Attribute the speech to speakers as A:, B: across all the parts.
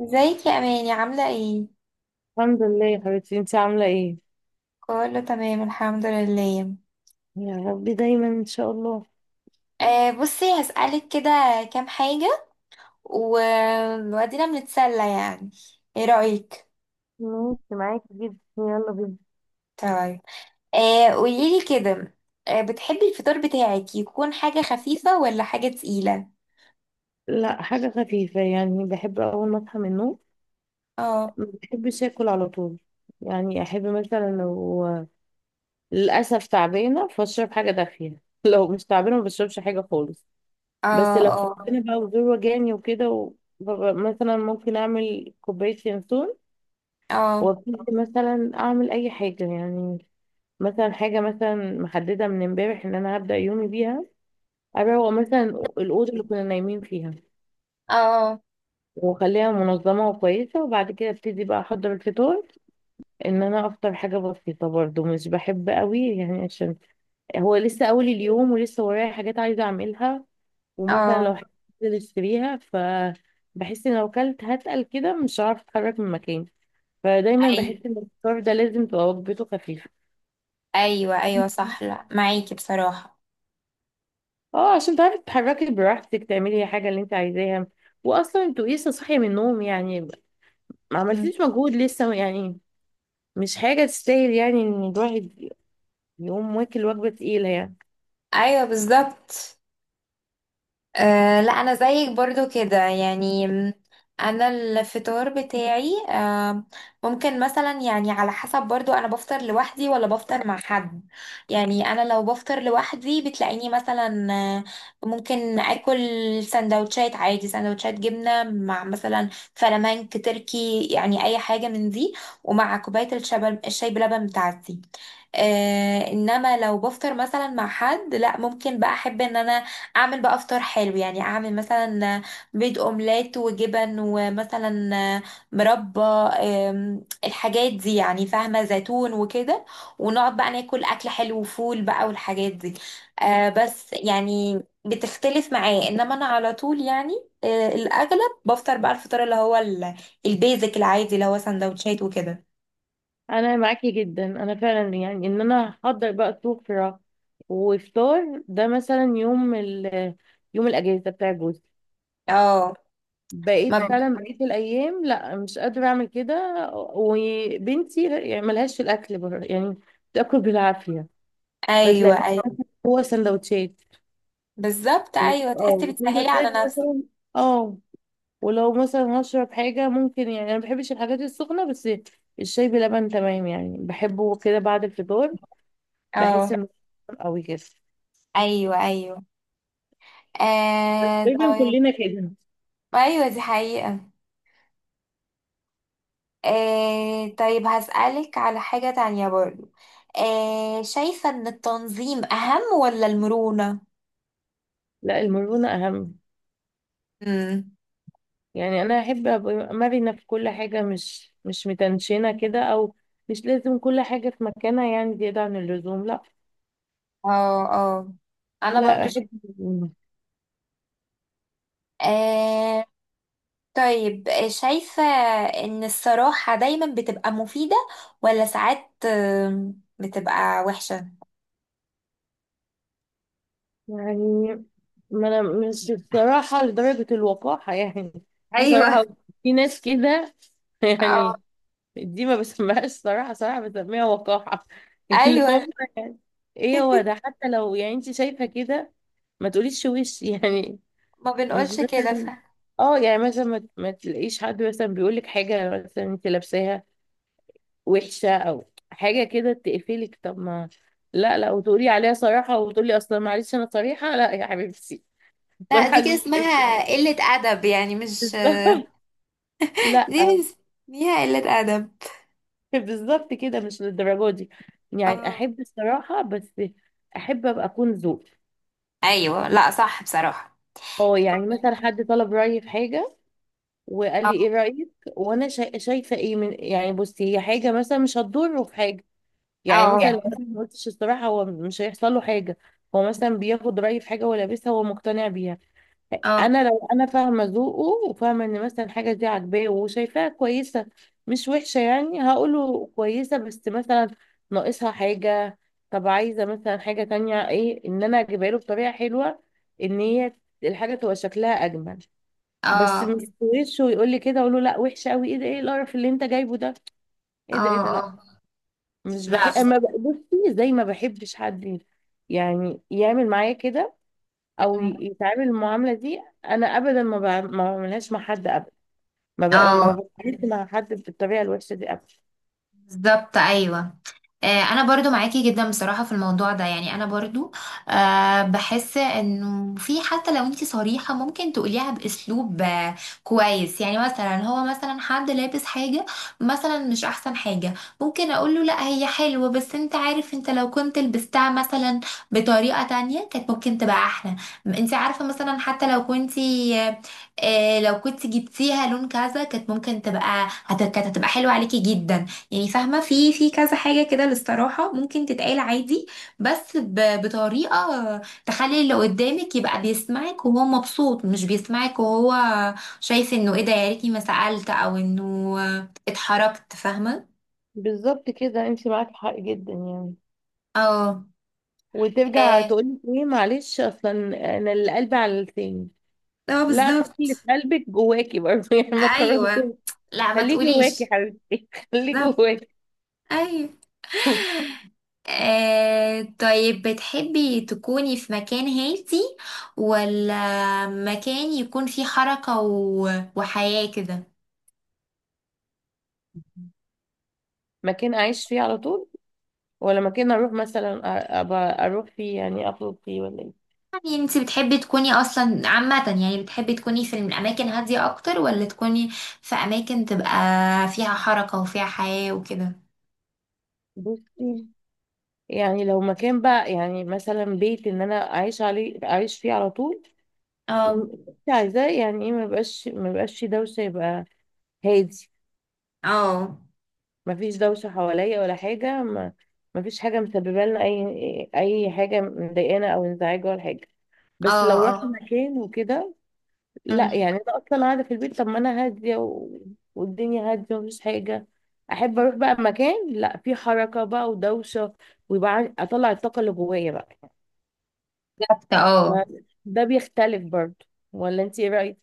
A: ازيك يا اماني؟ عامله ايه؟
B: الحمد لله يا حبيبتي، انتي عاملة ايه؟
A: كله تمام، الحمد لله.
B: يا رب دايما ان شاء الله.
A: بصي هسألك كده. كام حاجه و... وادينا بنتسلى يعني. ايه رأيك؟
B: ماشي معاكي جدا، يلا بينا.
A: طيب. قوليلي كده. بتحبي الفطار بتاعك يكون حاجه خفيفه ولا حاجه تقيله؟
B: لا، حاجه خفيفه، يعني بحب اول ما اصحى من النوم
A: اه.
B: ما بحبش اكل على طول. يعني احب مثلا لو للاسف تعبانه فاشرب حاجه دافيه لو مش تعبانه ما بشربش حاجه خالص،
A: اه.
B: بس لو
A: اه.
B: تعبانه بقى وزور وجعني وكده ببقى مثلا ممكن اعمل كوبايه ينسون،
A: اه.
B: وابتدي مثلا اعمل اي حاجه يعني. مثلا حاجة مثلا محددة من امبارح ان انا هبدأ يومي بيها، اروق مثلا الأوضة اللي كنا نايمين فيها
A: اه.
B: واخليها منظمة وكويسة، وبعد كده ابتدي بقى احضر الفطار. ان انا افطر حاجة بسيطة برضو، مش بحب قوي يعني، عشان هو لسه اول اليوم ولسه ورايا حاجات عايزة اعملها. ومثلا
A: اه.
B: لو حاجة عايزة اشتريها ف بحس ان لو كلت هتقل كده مش هعرف اتحرك من مكاني. فدايما
A: ايوه،
B: بحس ان الفطار ده لازم تبقى وجبته خفيفة،
A: ايوه، ايوه، صح، لا معاكي بصراحه.
B: اه، عشان تعرفي تتحركي براحتك تعملي حاجة اللي انت عايزاها. واصلا انتوا لسه صاحية من النوم يعني، ما
A: مم.
B: عملتيش مجهود لسه يعني. مش حاجة تستاهل يعني ان الواحد يقوم واكل وجبة تقيلة يعني.
A: ايوه، بالظبط. أه، لا انا زيك برضو كده يعني انا الفطار بتاعي ممكن مثلا يعني، على حسب برضو، انا بفطر لوحدي ولا بفطر مع حد. يعني انا لو بفطر لوحدي بتلاقيني مثلا ممكن اكل سندوتشات عادي، سندوتشات جبنة مع مثلا فلامنك تركي، يعني اي حاجة من دي، ومع كوباية الشاي بلبن بتاعتي. انما لو بفطر مثلا مع حد، لا ممكن بقى احب ان انا اعمل بقى فطار حلو، يعني اعمل مثلا بيض اومليت وجبن ومثلا مربى، الحاجات دي، يعني فاهمة، زيتون وكده، ونقعد بقى ناكل اكل حلو وفول بقى والحاجات دي. بس يعني بتختلف معاه، انما انا على طول يعني الاغلب بفطر بقى الفطار اللي هو البيزك العادي اللي هو سندوتشات وكده.
B: انا معاكي جدا. انا فعلا يعني ان انا احضر بقى سفرة وفطار، ده مثلا يوم يوم الاجازة بتاع جوزي.
A: اه. ما
B: بقيت
A: ب...
B: فعلا بقيت الايام لا مش قادرة اعمل كده. وبنتي يعني ملهاش في الاكل بره يعني، بتاكل بالعافية.
A: ايوه،
B: فتلاقي
A: ايوه،
B: هو سندوتشات.
A: بالظبط،
B: ماشي.
A: ايوه تحسي
B: اه
A: بتسهلي على
B: سندوتشات
A: نفسك.
B: مثلا، اه. ولو مثلا هشرب حاجة، ممكن، يعني أنا مبحبش الحاجات السخنة، بس الشاي بلبن تمام يعني، بحبه كده بعد الفطار. بحس
A: اه.
B: إنه قوي كده.
A: ايوه. ايوه.
B: تقريبا
A: طيب.
B: كلنا كده.
A: ايوه، دي حقيقة. طيب، هسألك على حاجة تانية برضو. شايفة ان التنظيم اهم ولا المرونة؟
B: لا، المرونة أهم.
A: امم.
B: يعني أنا أحب أبقى مرنة في كل حاجة، مش متنشنة كده، أو مش لازم كل حاجة في مكانها يعني زيادة عن اللزوم، لا.
A: اه. اه. انا
B: لا،
A: برضو
B: أحب المرونة.
A: آه طيب. شايفة ان الصراحة دايما بتبقى مفيدة، ولا ساعات بتبقى وحشة؟
B: يعني ما انا مش بصراحة لدرجة الوقاحة يعني. في صراحة،
A: ايوه.
B: في ناس كده
A: اه.
B: يعني، دي ما بسميهاش صراحة، صراحة بسميها وقاحة اللي
A: ايوه.
B: هم يعني، ايه هو ده، حتى لو يعني انت شايفة كده ما تقوليش وش يعني.
A: ما
B: مش
A: بنقولش كده
B: مثلا اه، يعني مثلا ما تلاقيش حد مثلا بيقول لك حاجة مثلا انت لابساها وحشة او حاجة كده تقفلك. طب ما لا لا، وتقولي عليها صراحة، وتقولي اصلا معلش انا صريحة. لا يا حبيبتي،
A: لا،
B: بصراحة
A: دي كده
B: دي محتاجاها.
A: اسمها قلة أدب يعني، مش.
B: بالظبط. لا،
A: دي بنسميها قلة أدب.
B: بالظبط كده، مش للدرجة دي يعني.
A: اه.
B: أحب الصراحة بس أحب أبقى أكون ذوق.
A: أيوة، لا صح بصراحة.
B: اه، يعني مثلا حد طلب رأيي في حاجة، وقال لي
A: اه.
B: ايه رأيك، وانا شايفة ايه من يعني، بصي هي حاجة مثلا مش هتضره في حاجة، يعني
A: اه.
B: مثلا لو
A: يعني.
B: انا ما قلتش الصراحة هو مش هيحصل له حاجة. هو مثلا بياخد رأيي في حاجة هو لابسها، هو مقتنع بيها،
A: اه.
B: انا لو انا فاهمه ذوقه وفاهمه ان مثلا حاجه دي عاجباه وشايفاها كويسه مش وحشه، يعني هقوله كويسه، بس مثلا ناقصها حاجه، طب عايزه مثلا حاجه تانية ايه، ان انا اجيبها له بطريقه حلوه ان هي الحاجه تبقى شكلها اجمل. بس
A: اه.
B: مش وشه ويقول لي كده اقول له لا وحشه قوي، ايه ده، ايه القرف اللي انت جايبه ده، ايه ده ايه
A: اه.
B: ده، لا.
A: اه.
B: مش
A: لا
B: بحب
A: بصراحة.
B: ما بقى- بصي، زي ما بحبش حد يعني يعمل معايا كده، او يتعامل المعامله دي، انا ابدا ما بعملهاش مع حد ابدا. ما
A: اه،
B: بتعاملش مع حد بالطريقه الوحشه دي ابدا.
A: بالظبط، ايوه. انا برضو معاكي جدا بصراحة في الموضوع ده، يعني انا برضو بحس انه في، حتى لو انتي صريحة ممكن تقوليها باسلوب كويس، يعني مثلا هو مثلا حد لابس حاجة مثلا مش احسن حاجة، ممكن اقول له لا هي حلوة، بس انت عارف انت لو كنت لبستها مثلا بطريقة تانية كانت ممكن تبقى احلى. انت عارفة مثلا حتى لو كنتي لو كنت جبتيها لون كذا كانت ممكن تبقى كانت هتبقى حلوة عليكي جدا، يعني فاهمة، في كذا حاجة كده للصراحة ممكن تتقال عادي، بس بطريقة تخلي اللي قدامك يبقى بيسمعك وهو مبسوط، مش بيسمعك وهو شايف انه ايه ده، يا ريتني ما سألت، او انه اتحركت، فاهمة.
B: بالظبط كده، انت معاك حق جدا يعني.
A: اه.
B: وترجع
A: اه.
B: تقولي ايه معلش، اصلا انا اللي قلبي على لساني.
A: اه،
B: لا، خلي اللي في
A: بالظبط،
B: قلبك جواكي برضه يعني ما
A: ايوه.
B: تخرجوش.
A: لا، ما
B: خليه جواكي
A: تقوليش.
B: حبيبتي خليه
A: بالظبط.
B: جواكي.
A: ايوه. طيب، بتحبي تكوني في مكان هادي، ولا مكان يكون فيه حركة وحياة كده؟
B: مكان اعيش فيه على طول ولا مكان اروح مثلا أبقى اروح فيه يعني اخرج فيه ولا ايه؟
A: يعني انت بتحبي تكوني اصلا عامة، يعني بتحبي تكوني في الاماكن هادية اكتر، ولا تكوني في اماكن تبقى فيها حركة وفيها حياة وكده؟
B: بصي، يعني لو مكان بقى، يعني مثلا بيت ان انا اعيش عليه اعيش فيه على طول، م-
A: اه.
B: عايزاه يعني ايه، ما يبقاش، ما يبقاش فيه دوشه، يبقى هادي،
A: اه.
B: ما فيش دوشه حواليا ولا حاجه، ما ما فيش حاجه مسببه لنا اي حاجه مضايقانا او انزعاج ولا حاجه. بس
A: اه.
B: لو
A: اه.
B: رحت مكان وكده، لا
A: مم.
B: يعني انا اصلا قاعده في البيت طب ما انا هاديه، و... والدنيا هاديه ومفيش حاجه، احب اروح بقى مكان لا فيه حركه بقى ودوشه، ويبقى اطلع الطاقه اللي جوايا بقى.
A: بالظبط، اه.
B: ما- ده بيختلف برضه، ولا انت ايه رأيك؟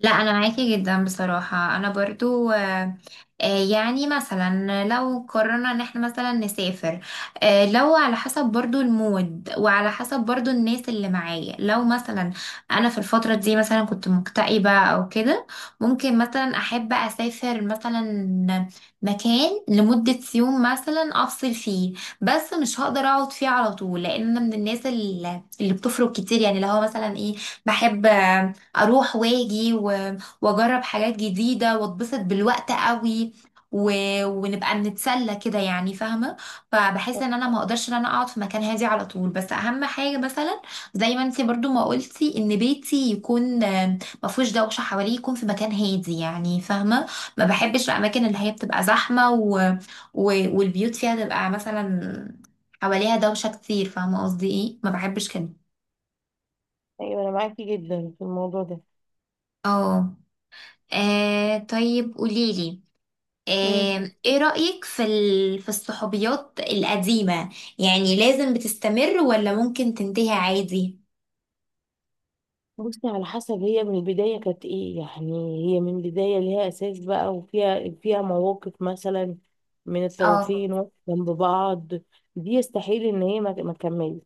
A: لا، انا معاكي جدا بصراحة، انا برضو يعني مثلا لو قررنا ان احنا مثلا نسافر، لو على حسب برضو المود وعلى حسب برضو الناس اللي معايا، لو مثلا انا في الفترة دي مثلا كنت مكتئبة او كده، ممكن مثلا احب اسافر مثلا مكان لمدة يوم مثلا افصل فيه، بس مش هقدر اقعد فيه على طول، لان انا من الناس اللي بتفرق كتير، يعني لو هو مثلا ايه، بحب اروح واجي واجرب حاجات جديده واتبسط بالوقت قوي و... ونبقى بنتسلى كده يعني، فاهمه. فبحس ان انا ما اقدرش ان انا اقعد في مكان هادي على طول، بس اهم حاجه مثلا زي ما انتي برضو ما قلتي، ان بيتي يكون ما فيهوش دوشه حواليه، يكون في مكان هادي، يعني فاهمه، ما بحبش الاماكن اللي هي بتبقى زحمه و... والبيوت فيها تبقى مثلا حواليها دوشه كتير، فاهمه قصدي ايه، ما بحبش كده.
B: ايوه، انا معاكي جدا في الموضوع ده.
A: اه. طيب قوليلي،
B: امم،
A: ايه رأيك في في الصحوبيات القديمة؟ يعني لازم بتستمر ولا ممكن تنتهي عادي؟
B: بصي على حسب هي من البدايه كانت ايه يعني. هي من البدايه ليها اساس بقى، وفيها مواقف مثلا من
A: اه.
B: الطرفين جنب بعض، دي يستحيل ان هي ما تكملش.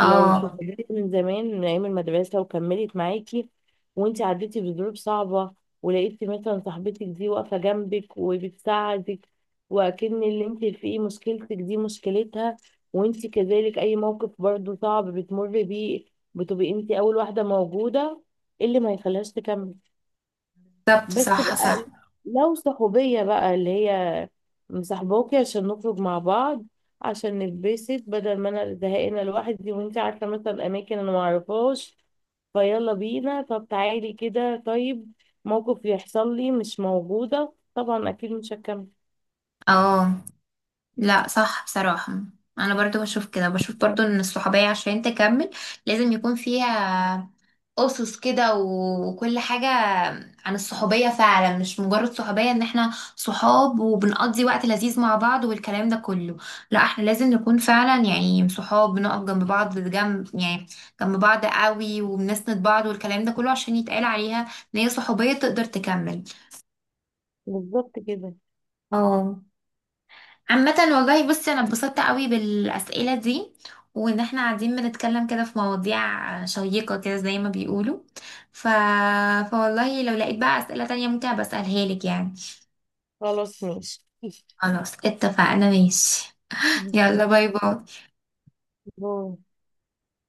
B: لو صحبتك من زمان من ايام المدرسه وكملت معاكي، وانت عديتي بظروف صعبه ولقيتي مثلا صاحبتك دي واقفه جنبك وبتساعدك، واكن اللي انت فيه مشكلتك دي مشكلتها، وانت كذلك اي موقف برضو صعب بتمر بيه بتبقي انت اول واحده موجوده، إيه اللي ما يخليهاش تكمل؟
A: بالظبط،
B: بس
A: صح صح.
B: بقى لو صحوبية بقى اللي هي مصاحباكي عشان نخرج مع بعض، عشان نتبسط بدل ما انا زهقانة لوحدي، وانت عارفة مثلا اماكن انا معرفهاش فيلا بينا طب تعالي كده، طيب موقف يحصل لي مش موجودة، طبعا اكيد مش هكمل.
A: اه. لا صح بصراحة. انا برضو بشوف برضو ان الصحوبية عشان تكمل لازم يكون فيها أسس كده وكل حاجة عن الصحوبية فعلا، مش مجرد صحوبية ان احنا صحاب وبنقضي وقت لذيذ مع بعض والكلام ده كله. لا، احنا لازم نكون فعلا يعني صحاب، بنقف جنب بعض، جنب يعني جنب بعض قوي، وبنسند بعض والكلام ده كله، عشان يتقال عليها ان هي صحوبية تقدر تكمل.
B: بالظبط كده.
A: اه. عامة والله، بصي، انا اتبسطت قوي بالاسئلة دي، وان احنا قاعدين بنتكلم كده في مواضيع شيقة كده زي ما بيقولوا، ف... فوالله لو لقيت بقى اسئلة تانية ممكن بسألها لك يعني.
B: خلاص ماشي.
A: خلاص اتفقنا ماشي. يلا باي باي.
B: باي.